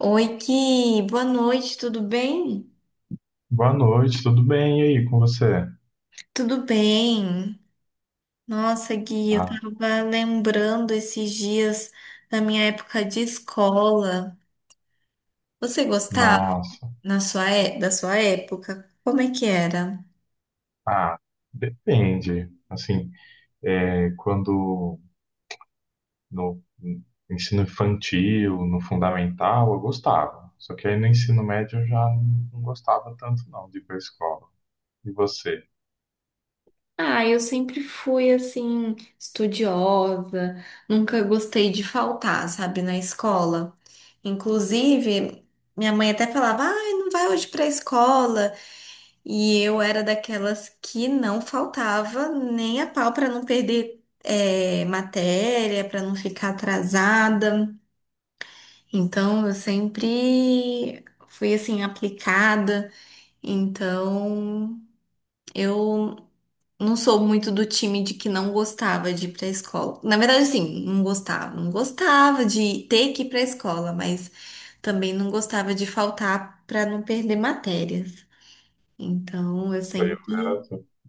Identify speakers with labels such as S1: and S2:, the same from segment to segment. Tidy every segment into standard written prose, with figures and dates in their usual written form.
S1: Oi, Gui, boa noite, tudo bem?
S2: Boa noite, tudo bem? E aí, com você?
S1: Tudo bem. Nossa, Gui, eu
S2: Ah,
S1: tava lembrando esses dias da minha época de escola. Você gostava
S2: nossa.
S1: na sua, da sua época? Como é que era?
S2: Ah, depende. Assim, quando no ensino infantil, no fundamental, eu gostava. Só que aí no ensino médio eu já não gostava tanto não de ir pra escola. E você?
S1: Ah, eu sempre fui assim, estudiosa, nunca gostei de faltar, sabe, na escola. Inclusive, minha mãe até falava: ai, não vai hoje pra escola. E eu era daquelas que não faltava nem a pau para não perder matéria, para não ficar atrasada. Então eu sempre fui assim aplicada. Então eu não sou muito do time de que não gostava de ir para a escola. Na verdade, assim, não gostava, não gostava de ter que ir para a escola, mas também não gostava de faltar para não perder matérias. Então eu
S2: Isso aí.
S1: sempre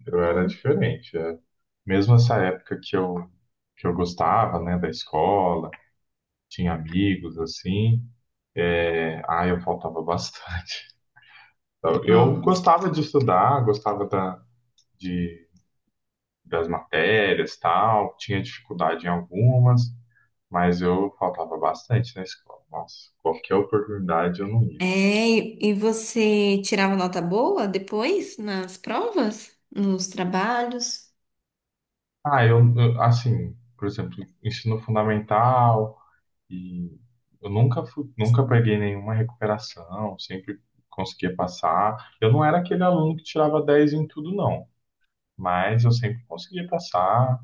S2: Eu era diferente. É. Mesmo essa época que eu gostava, né, da escola, tinha amigos, assim, eu faltava bastante. Então, eu
S1: Ó.
S2: gostava de estudar, de, das matérias, tal, tinha dificuldade em algumas, mas eu faltava bastante na escola. Nossa, qualquer oportunidade eu não ia.
S1: É, e você tirava nota boa depois nas provas, nos trabalhos?
S2: Ah, eu, assim, por exemplo, ensino fundamental e eu nunca fui, nunca peguei nenhuma recuperação, sempre conseguia passar. Eu não era aquele aluno que tirava 10 em tudo, não, mas eu sempre conseguia passar.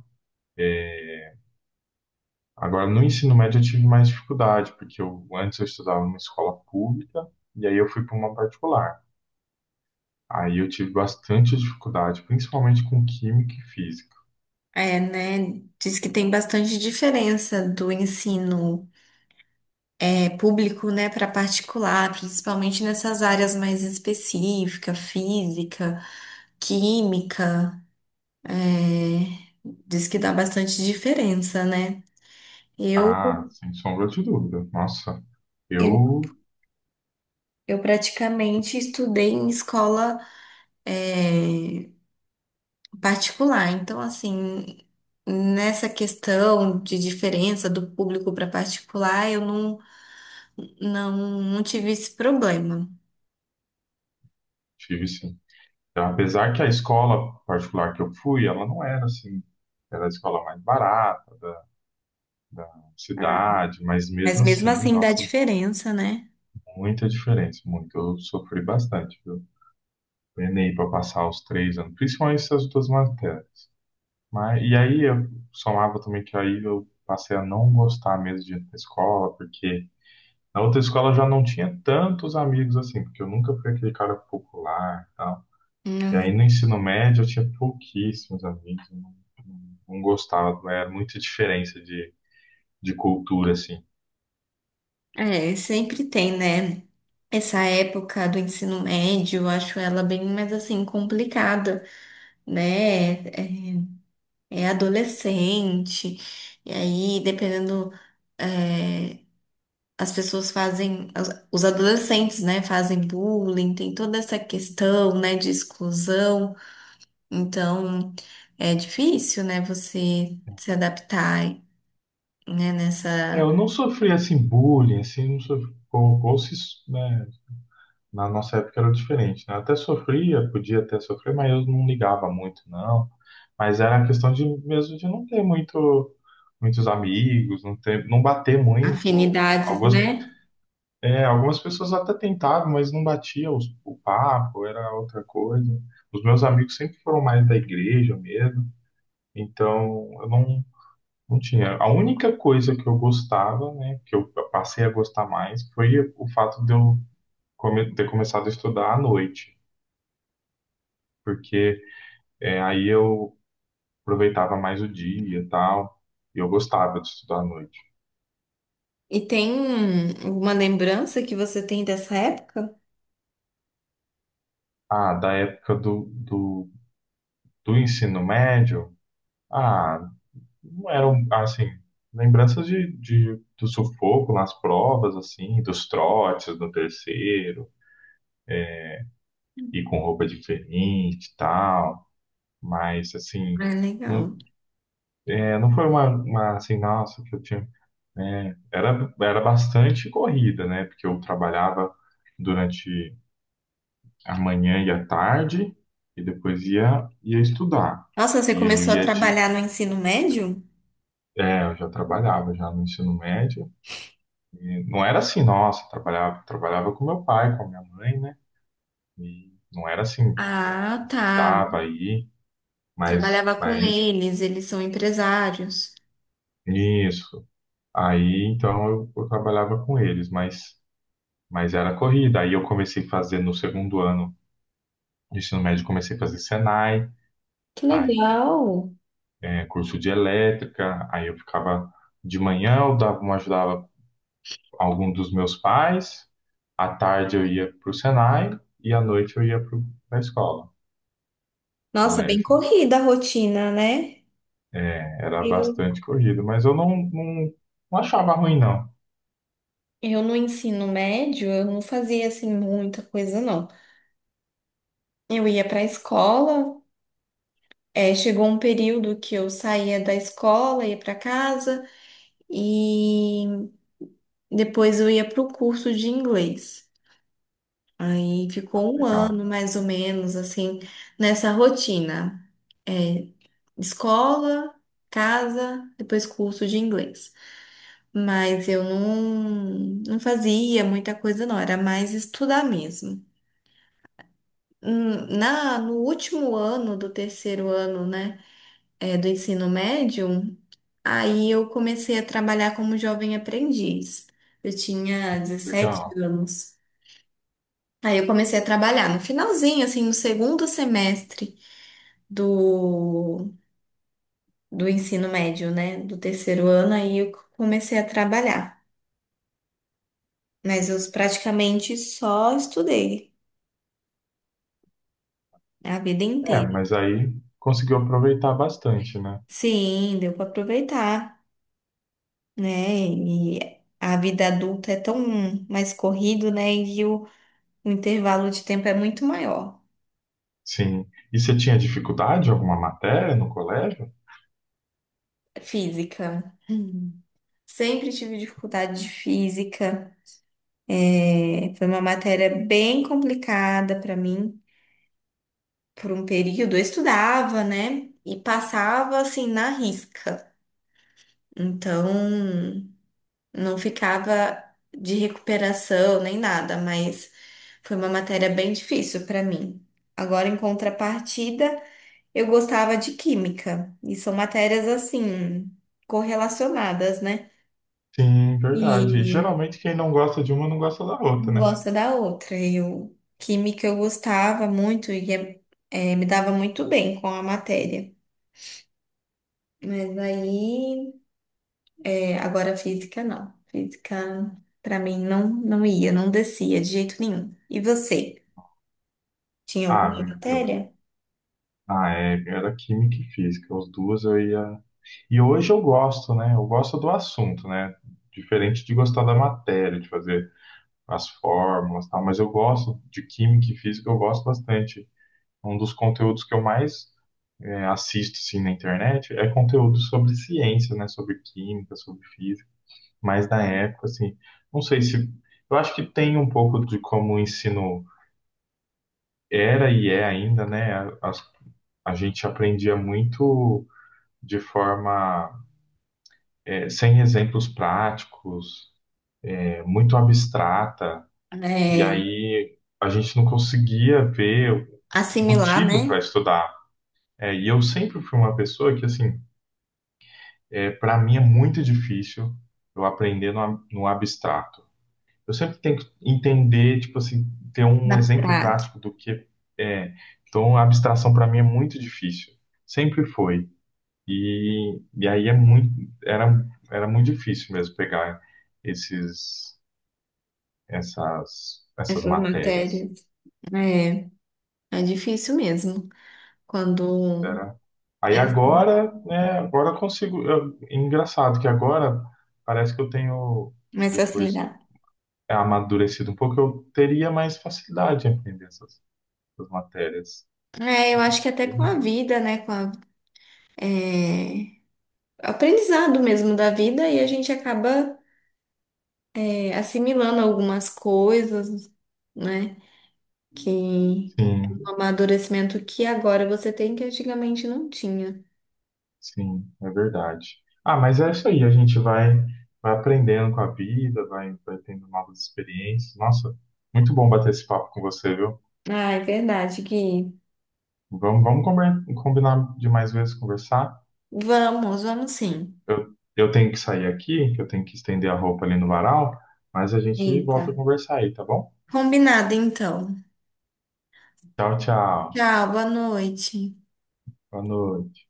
S2: Agora, no ensino médio, eu tive mais dificuldade, porque antes eu estudava numa escola pública e aí eu fui para uma particular. Aí eu tive bastante dificuldade, principalmente com química e física.
S1: É, né? Diz que tem bastante diferença do ensino público, né, para particular, principalmente nessas áreas mais específicas, física, química. é, Diz que dá bastante diferença, né? Eu,
S2: Ah, sem sombra de dúvida. Nossa,
S1: eu,
S2: eu
S1: eu praticamente estudei em escola, é, particular. Então, assim, nessa questão de diferença do público para particular, eu não, não, não tive esse problema.
S2: tive sim. Então, apesar que a escola particular que eu fui, ela não era assim, era a escola mais barata da
S1: Ah,
S2: cidade, mas mesmo
S1: mas mesmo
S2: assim,
S1: assim dá
S2: nossa,
S1: diferença, né?
S2: muita diferença, muito. Eu sofri bastante, viu? Penei para passar os 3 anos, principalmente essas duas matérias. Mas, e aí eu somava também que aí eu passei a não gostar mesmo de ir pra escola, porque na outra escola eu já não tinha tantos amigos assim, porque eu nunca fui aquele cara popular e tal. E aí
S1: Uhum.
S2: no ensino médio eu tinha pouquíssimos amigos, eu não gostava, era muita diferença de cultura assim.
S1: É, sempre tem, né? Essa época do ensino médio, eu acho ela bem mais assim complicada, né? É, é adolescente, e aí dependendo eh, as pessoas fazem, os adolescentes, né, fazem bullying, tem toda essa questão, né, de exclusão. Então, é difícil, né, você se adaptar, né,
S2: É,
S1: nessa
S2: eu não sofri assim bullying, assim, não sofri, ou se, né, na nossa época era diferente, né? Eu até sofria, podia até sofrer, mas eu não ligava muito, não. Mas era a questão de mesmo de não ter muitos amigos, não ter, não bater muito.
S1: afinidades,
S2: Algumas,
S1: né?
S2: é, algumas pessoas até tentavam, mas não batia o papo, era outra coisa. Os meus amigos sempre foram mais da igreja mesmo, então eu não, não tinha. A única coisa que eu gostava, né, que eu passei a gostar mais, foi o fato de eu ter começado a estudar à noite. Porque é, aí eu aproveitava mais o dia e tal, e eu gostava de estudar à noite.
S1: E tem uma lembrança que você tem dessa época?
S2: Ah, da época do ensino médio, ah, não eram, assim, lembranças do sufoco nas provas, assim, dos trotes no terceiro, e com roupa diferente e tal, mas,
S1: É
S2: assim,
S1: legal.
S2: não, é, não foi uma, assim, nossa, que eu tinha, né, era bastante corrida, né, porque eu trabalhava durante amanhã ia tarde e depois ia estudar.
S1: Nossa, você
S2: E eu
S1: começou a
S2: ia de.
S1: trabalhar no ensino médio?
S2: É, eu já trabalhava já no ensino médio. E não era assim, nossa, trabalhava com meu pai, com a minha mãe, né? E não era assim,
S1: Ah, tá.
S2: precisava ir,
S1: Trabalhava com
S2: mas
S1: eles, eles são empresários.
S2: isso. Aí então eu trabalhava com eles, mas era corrida. Aí eu comecei a fazer no segundo ano do ensino médio, comecei a fazer Senai.
S1: Que
S2: Aí
S1: legal.
S2: é, curso de elétrica, aí eu ficava de manhã, eu dava uma ajudava algum dos meus pais, à tarde eu ia para o Senai e à noite eu ia para a escola,
S1: Nossa, bem
S2: colégio. Né?
S1: corrida a rotina, né?
S2: É, era
S1: Eu,
S2: bastante corrido, mas eu não achava ruim, não.
S1: eu no ensino médio, eu não fazia assim muita coisa, não. Eu ia para a escola, chegou um período que eu saía da escola, ia para casa e depois eu ia para o curso de inglês. Aí
S2: Ah,
S1: ficou um
S2: legal,
S1: ano mais ou menos assim nessa rotina. É, escola, casa, depois curso de inglês. Mas eu não, não fazia muita coisa, não, era mais estudar mesmo. Na, no último ano do terceiro ano, né, do ensino médio, aí eu comecei a trabalhar como jovem aprendiz. Eu tinha 17
S2: legal.
S1: anos. Aí eu comecei a trabalhar no finalzinho, assim, no segundo semestre do, do ensino médio, né, do terceiro ano, aí eu comecei a trabalhar. Mas eu praticamente só estudei. É, a vida
S2: É,
S1: inteira.
S2: mas aí conseguiu aproveitar bastante, né?
S1: Sim, deu para aproveitar, né? E a vida adulta é tão mais corrido, né? E o intervalo de tempo é muito maior.
S2: Sim. E você tinha dificuldade em alguma matéria no colégio?
S1: Física. Hum. Sempre tive dificuldade de física. É, foi uma matéria bem complicada para mim. Por um período eu estudava, né? E passava assim na risca. Então, não ficava de recuperação nem nada, mas foi uma matéria bem difícil para mim. Agora, em contrapartida, eu gostava de química, e são matérias assim, correlacionadas, né?
S2: Sim, verdade. E
S1: E
S2: geralmente quem não gosta de uma não gosta da outra,
S1: uma
S2: né?
S1: gosta da outra. Eu, química eu gostava muito e é, me dava muito bem com a matéria. Mas aí, é, agora física não. Física, para mim, não, não ia, não descia de jeito nenhum. E você? Tinha alguma
S2: Ah, eu.
S1: matéria
S2: Ah, é, era química e física, os duas eu ia. E hoje eu gosto, né? Eu gosto do assunto, né? Diferente de gostar da matéria, de fazer as fórmulas, e tal, mas eu gosto de química e física, eu gosto bastante. Um dos conteúdos que eu mais é, assisto assim, na internet é conteúdo sobre ciência, né? Sobre química, sobre física. Mas na época, assim, não sei se. Eu acho que tem um pouco de como o ensino era e é ainda, né? As- a gente aprendia muito. De forma eh, sem exemplos práticos, eh, muito abstrata, e
S1: é,
S2: aí a gente não conseguia ver
S1: assimilar,
S2: motivo para
S1: né,
S2: estudar. Eh, e eu sempre fui uma pessoa que, assim, é, para mim é muito difícil eu aprender no abstrato. Eu sempre tenho que entender, tipo assim, ter um
S1: na
S2: exemplo
S1: prática
S2: prático do que é. Então, a abstração para mim é muito difícil. Sempre foi. E aí é muito, era, era muito difícil mesmo pegar esses, essas, essas
S1: essas
S2: matérias.
S1: matérias. É, é difícil mesmo quando
S2: Era, aí
S1: é assim,
S2: agora, né, agora eu consigo. Eu- é engraçado que agora parece que eu tenho,
S1: mais
S2: depois
S1: facilidade.
S2: é, amadurecido um pouco, eu teria mais facilidade em aprender essas, essas matérias.
S1: É, eu acho que até com a vida, né, com a, é, aprendizado mesmo da vida e a gente acaba é, assimilando algumas coisas, né, que um
S2: Sim,
S1: amadurecimento que agora você tem que antigamente não tinha.
S2: sim, é verdade. Ah, mas é isso aí, a gente vai, vai aprendendo com a vida, vai, vai tendo novas experiências. Nossa, muito bom bater esse papo com você, viu?
S1: Ah, é verdade que
S2: Vamos, vamos combinar, combinar de mais vezes conversar.
S1: vamos, vamos sim.
S2: Eu eu tenho que sair aqui, que eu tenho que estender a roupa ali no varal, mas a gente
S1: Eita.
S2: volta a conversar aí, tá bom?
S1: Combinado, então.
S2: Tchau, tchau.
S1: Tchau, boa noite.
S2: Boa noite.